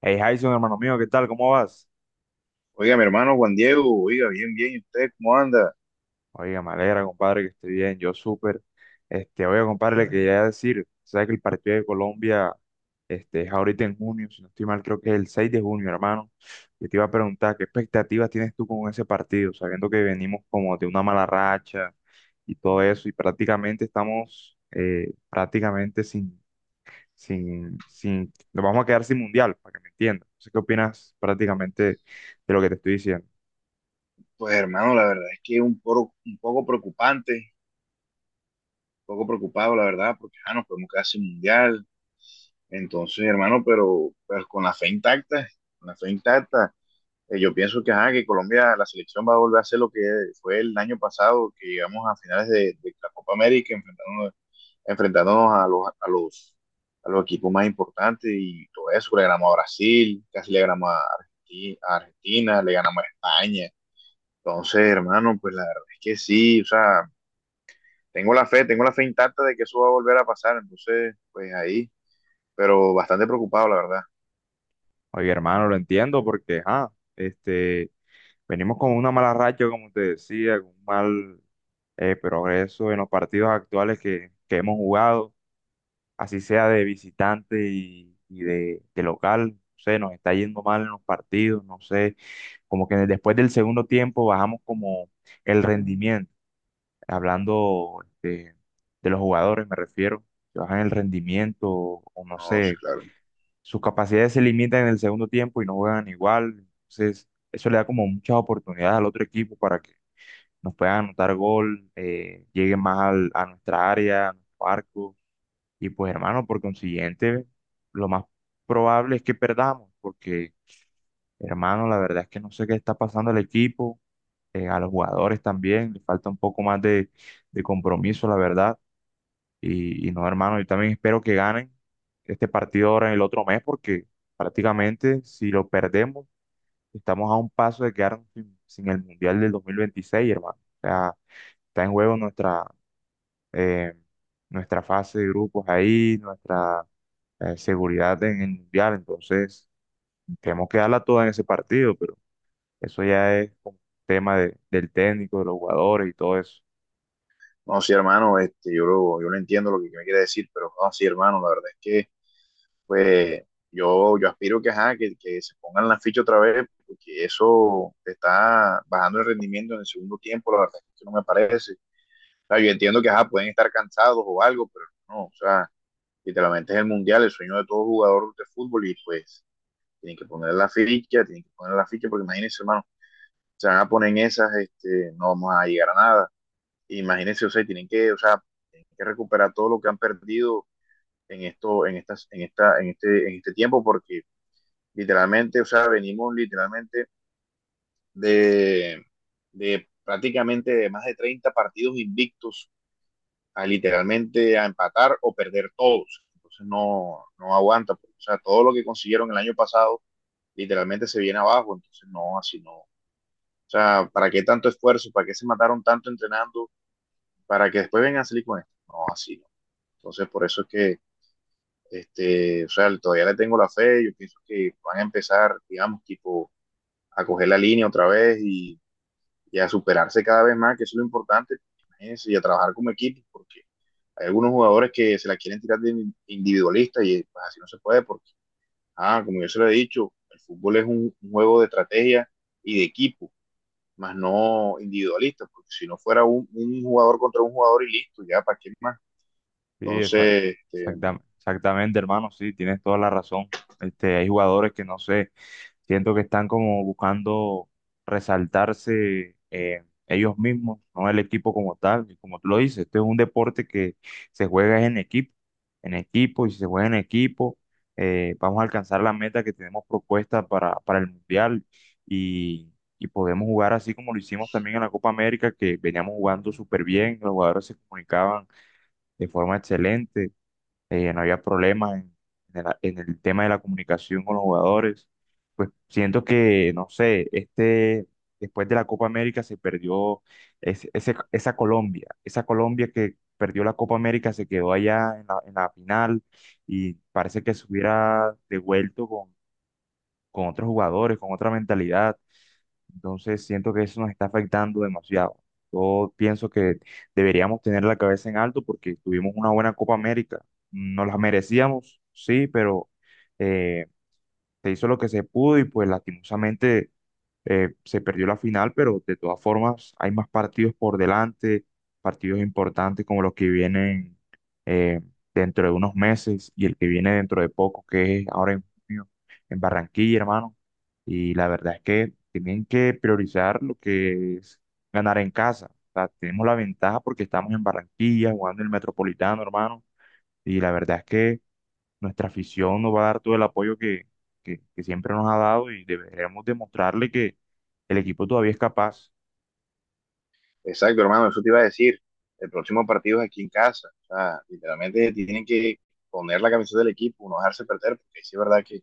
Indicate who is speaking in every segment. Speaker 1: Hey, Jason, hermano mío, ¿qué tal? ¿Cómo vas?
Speaker 2: Oiga, mi hermano Juan Diego, oiga, bien, bien, ¿y usted cómo anda?
Speaker 1: Oiga, me alegra, compadre, que esté bien, yo súper. Oiga, compadre, le quería decir, ¿sabes que el partido de Colombia es ahorita en junio? Si no estoy mal, creo que es el 6 de junio, hermano. Yo te iba a preguntar, ¿qué expectativas tienes tú con ese partido? Sabiendo que venimos como de una mala racha y todo eso, y prácticamente estamos, prácticamente sin, nos vamos a quedar sin mundial, para que me entiendas. No sé qué opinas prácticamente de lo que te estoy diciendo.
Speaker 2: Pues, hermano, la verdad es que es un poco preocupante, un poco preocupado, la verdad, porque ya nos podemos quedar sin mundial. Entonces, hermano, pero pues con la fe intacta, con la fe intacta, yo pienso ajá, que Colombia, la selección va a volver a hacer lo que fue el año pasado, que llegamos a finales de la Copa América, enfrentándonos a los, equipos más importantes y todo eso. Le ganamos a Brasil, casi le ganamos a Argentina, le ganamos a España. Entonces, hermano, pues la verdad es que sí, o sea, tengo la fe intacta de que eso va a volver a pasar. Entonces, pues ahí, pero bastante preocupado, la verdad.
Speaker 1: Oye, hermano, lo entiendo porque, este, venimos con una mala racha, como te decía, con un mal progreso en los partidos actuales que hemos jugado, así sea de visitante y, de local, no sé, nos está yendo mal en los partidos, no sé, como que después del segundo tiempo bajamos como el rendimiento, hablando de los jugadores me refiero, que bajan el rendimiento, o no
Speaker 2: No, sí,
Speaker 1: sé,
Speaker 2: claro.
Speaker 1: sus capacidades se limitan en el segundo tiempo y no juegan igual. Entonces, eso le da como muchas oportunidades al otro equipo para que nos puedan anotar gol, lleguen más a nuestra área, a nuestro arco. Y pues, hermano, por consiguiente, lo más probable es que perdamos, porque, hermano, la verdad es que no sé qué está pasando al equipo, a los jugadores también, le falta un poco más de compromiso, la verdad. Y no, hermano, yo también espero que ganen este partido ahora en el otro mes, porque prácticamente si lo perdemos, estamos a un paso de quedarnos sin el Mundial del 2026, hermano. O sea, está en juego nuestra, eh, nuestra fase de grupos ahí, nuestra seguridad en el Mundial. Entonces, tenemos que darla toda en ese partido, pero eso ya es como tema del técnico, de los jugadores y todo eso.
Speaker 2: No, sí, hermano, yo lo entiendo lo que me quiere decir, pero no, sí, hermano, la verdad es que pues yo aspiro que, ajá, que se pongan la ficha otra vez, porque eso te está bajando el rendimiento en el segundo tiempo, la verdad es que no me parece. O sea, yo entiendo que ajá, pueden estar cansados o algo, pero no, o sea, literalmente es el mundial, el sueño de todo jugador de fútbol y pues tienen que poner la ficha, tienen que poner la ficha, porque imagínense, hermano, se van a poner en esas, no vamos a llegar a nada. Imagínense, o sea, tienen que, o sea, tienen que recuperar todo lo que han perdido en esto, en estas, en esta, en este tiempo, porque literalmente, o sea, venimos literalmente de, de prácticamente de más de 30 partidos invictos a literalmente a empatar o perder todos. Entonces no, no aguanta pues. O sea, todo lo que consiguieron el año pasado literalmente se viene abajo. Entonces no, así no. O sea, ¿para qué tanto esfuerzo? ¿Para qué se mataron tanto entrenando? Para que después vengan a salir con esto. No, así no. Entonces, por eso es que, o sea, todavía le tengo la fe. Yo pienso que van a empezar, digamos, tipo, a coger la línea otra vez y a superarse cada vez más, que eso es lo importante, y a trabajar como equipo, porque hay algunos jugadores que se la quieren tirar de individualista y pues así no se puede, porque, ah, como yo se lo he dicho, el fútbol es un juego de estrategia y de equipo, más no individualista, porque si no fuera un jugador contra un jugador y listo, ya, ¿para qué más?
Speaker 1: Sí, esa-
Speaker 2: Entonces,
Speaker 1: Exactamente, hermano, sí, tienes toda la razón. Hay jugadores que no sé, siento que están como buscando resaltarse ellos mismos, no el equipo como tal. Y como tú lo dices, esto es un deporte que se juega en equipo, y si se juega en equipo, vamos a alcanzar la meta que tenemos propuesta para el Mundial y, y podemos jugar así como lo hicimos también en la Copa América, que veníamos jugando súper bien, los jugadores se comunicaban de forma excelente, no había problemas en el tema de la comunicación con los jugadores. Pues siento que, no sé, este, después de la Copa América se perdió esa Colombia que perdió la Copa América se quedó allá en la final y parece que se hubiera devuelto con otros jugadores, con otra mentalidad. Entonces siento que eso nos está afectando demasiado. Yo pienso que deberíamos tener la cabeza en alto porque tuvimos una buena Copa América. Nos la merecíamos, sí, pero eh, se hizo lo que se pudo y pues lastimosamente se perdió la final, pero de todas formas hay más partidos por delante, partidos importantes como los que vienen eh, dentro de unos meses y el que viene dentro de poco, que es ahora en junio, en Barranquilla, hermano. Y la verdad es que tienen que priorizar lo que es ganar en casa. O sea, tenemos la ventaja porque estamos en Barranquilla, jugando en el Metropolitano, hermano. Y la verdad es que nuestra afición nos va a dar todo el apoyo que siempre nos ha dado y deberemos demostrarle que el equipo todavía es capaz.
Speaker 2: exacto, hermano, eso te iba a decir. El próximo partido es aquí en casa. O sea, literalmente tienen que poner la camiseta del equipo, no dejarse perder, porque sí es verdad que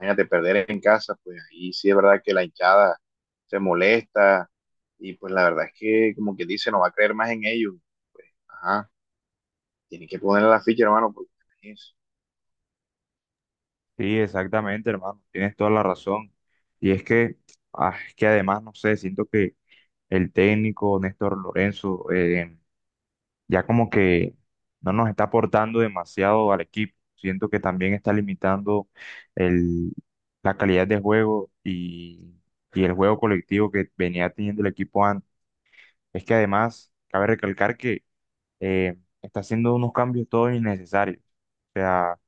Speaker 2: imagínate perder en casa, pues ahí sí es verdad que la hinchada se molesta y pues la verdad es que como que dice, no va a creer más en ellos. Pues, ajá, tienen que ponerle la ficha, hermano, porque es-
Speaker 1: Sí, exactamente, hermano, tienes toda la razón. Y es que, es que además, no sé, siento que el técnico Néstor Lorenzo, ya como que no nos está aportando demasiado al equipo. Siento que también está limitando el, la calidad de juego y el juego colectivo que venía teniendo el equipo antes. Es que además, cabe recalcar que eh, está haciendo unos cambios todos innecesarios. O sea,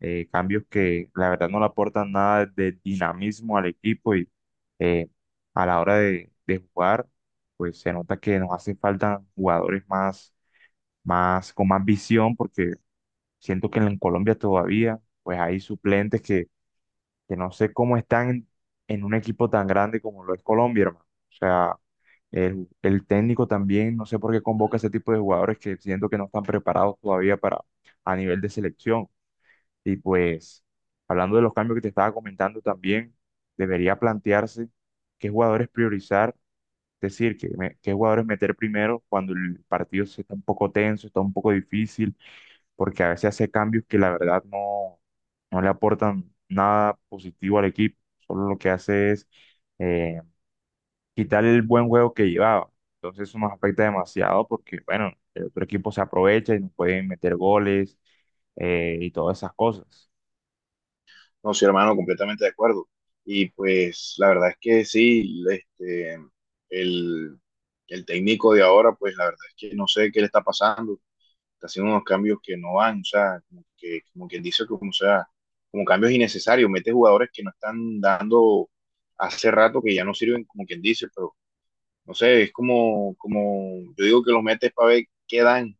Speaker 1: cambios que la verdad no le aportan nada de dinamismo al equipo y eh, a la hora de jugar, pues se nota que nos hacen falta jugadores más, más, con más visión, porque siento que en Colombia todavía, pues hay suplentes que no sé cómo están en, un equipo tan grande como lo es Colombia, hermano. O sea, el técnico también, no sé por qué convoca ese tipo de jugadores que siento que no están preparados todavía para a nivel de selección. Y pues, hablando de los cambios que te estaba comentando también, debería plantearse qué jugadores priorizar, es decir, qué jugadores meter primero cuando el partido se está un poco tenso, está un poco difícil porque a veces hace cambios que la verdad no, no le aportan nada positivo al equipo, solo lo que hace es eh, quitar el buen juego que llevaba. Entonces eso nos afecta demasiado porque, bueno, el otro equipo se aprovecha y nos pueden meter goles, y todas esas cosas.
Speaker 2: no, sí, hermano, completamente de acuerdo. Y pues la verdad es que sí, el, el técnico de ahora, pues la verdad es que no sé qué le está pasando. Está haciendo unos cambios que no van, o sea, como, que, como quien dice, como, o sea, como cambios innecesarios, mete jugadores que no están dando hace rato que ya no sirven, como quien dice, pero no sé, es como, como yo digo que los metes para ver qué dan,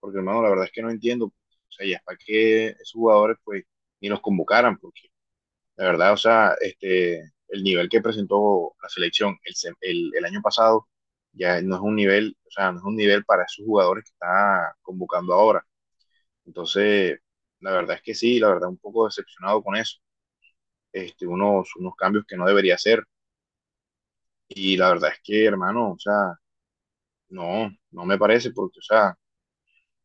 Speaker 2: porque hermano, la verdad es que no entiendo, o sea, ya es para que esos jugadores pues ni los convocaran, porque la verdad, o sea, el nivel que presentó la selección el año pasado ya no es un nivel, o sea, no es un nivel para esos jugadores que está convocando ahora. Entonces, la verdad es que sí, la verdad un poco decepcionado con eso. Unos cambios que no debería hacer. Y la verdad es que, hermano, o sea, no, no me parece porque, o sea,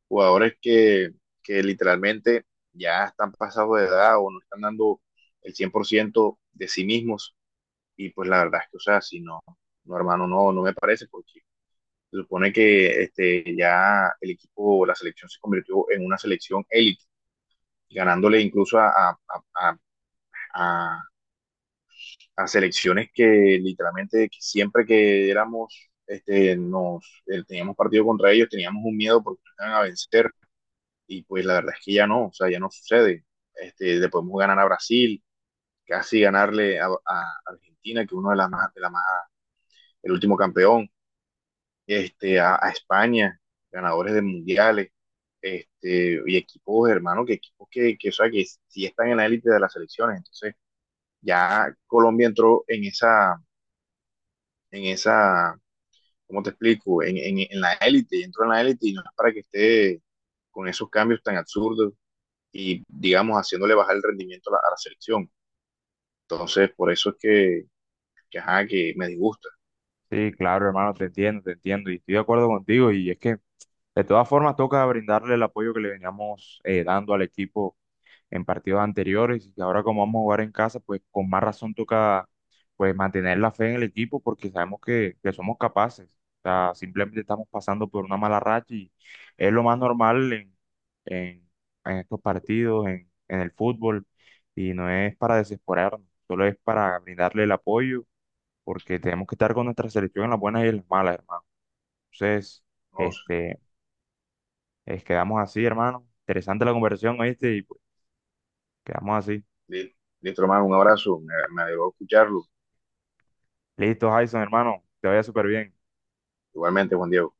Speaker 2: jugadores que literalmente ya están pasados de edad o no están dando el 100% de sí mismos. Y pues la verdad es que, o sea, si no, no, hermano, no, no me parece porque se supone que ya el equipo, la selección se convirtió en una selección élite, ganándole incluso a, a a selecciones que literalmente que siempre que éramos, nos teníamos partido contra ellos, teníamos un miedo porque nos iban a vencer y pues la verdad es que ya no, o sea, ya no sucede. Le podemos ganar a Brasil, casi ganarle a Argentina, que uno de las más, de la más, el último campeón, a España, ganadores de mundiales, y equipos, hermano, que equipos que, o sea, que sí están en la élite de las selecciones. Entonces, ya Colombia entró en esa ¿cómo te explico? En la élite, y entró en la élite y no es para que esté con esos cambios tan absurdos y, digamos, haciéndole bajar el rendimiento a la selección. Entonces, por eso es que, ajá, que me disgusta.
Speaker 1: Sí, claro, hermano, te entiendo y estoy de acuerdo contigo y es que de todas formas toca brindarle el apoyo que le veníamos dando al equipo en partidos anteriores y ahora como vamos a jugar en casa, pues con más razón toca pues mantener la fe en el equipo porque sabemos que somos capaces. O sea, simplemente estamos pasando por una mala racha y es lo más normal en, en estos partidos, en el fútbol, y no es para desesperarnos, solo es para brindarle el apoyo porque tenemos que estar con nuestra selección en las buenas y en las malas, hermano. Entonces,
Speaker 2: ¿No?
Speaker 1: este, quedamos así, hermano. Interesante la conversación, ¿oíste? Y pues, quedamos así.
Speaker 2: li- Listo, hermano, un abrazo, me alegró escucharlo.
Speaker 1: Listo, Jason, hermano, te vaya súper bien.
Speaker 2: Igualmente, Juan Diego.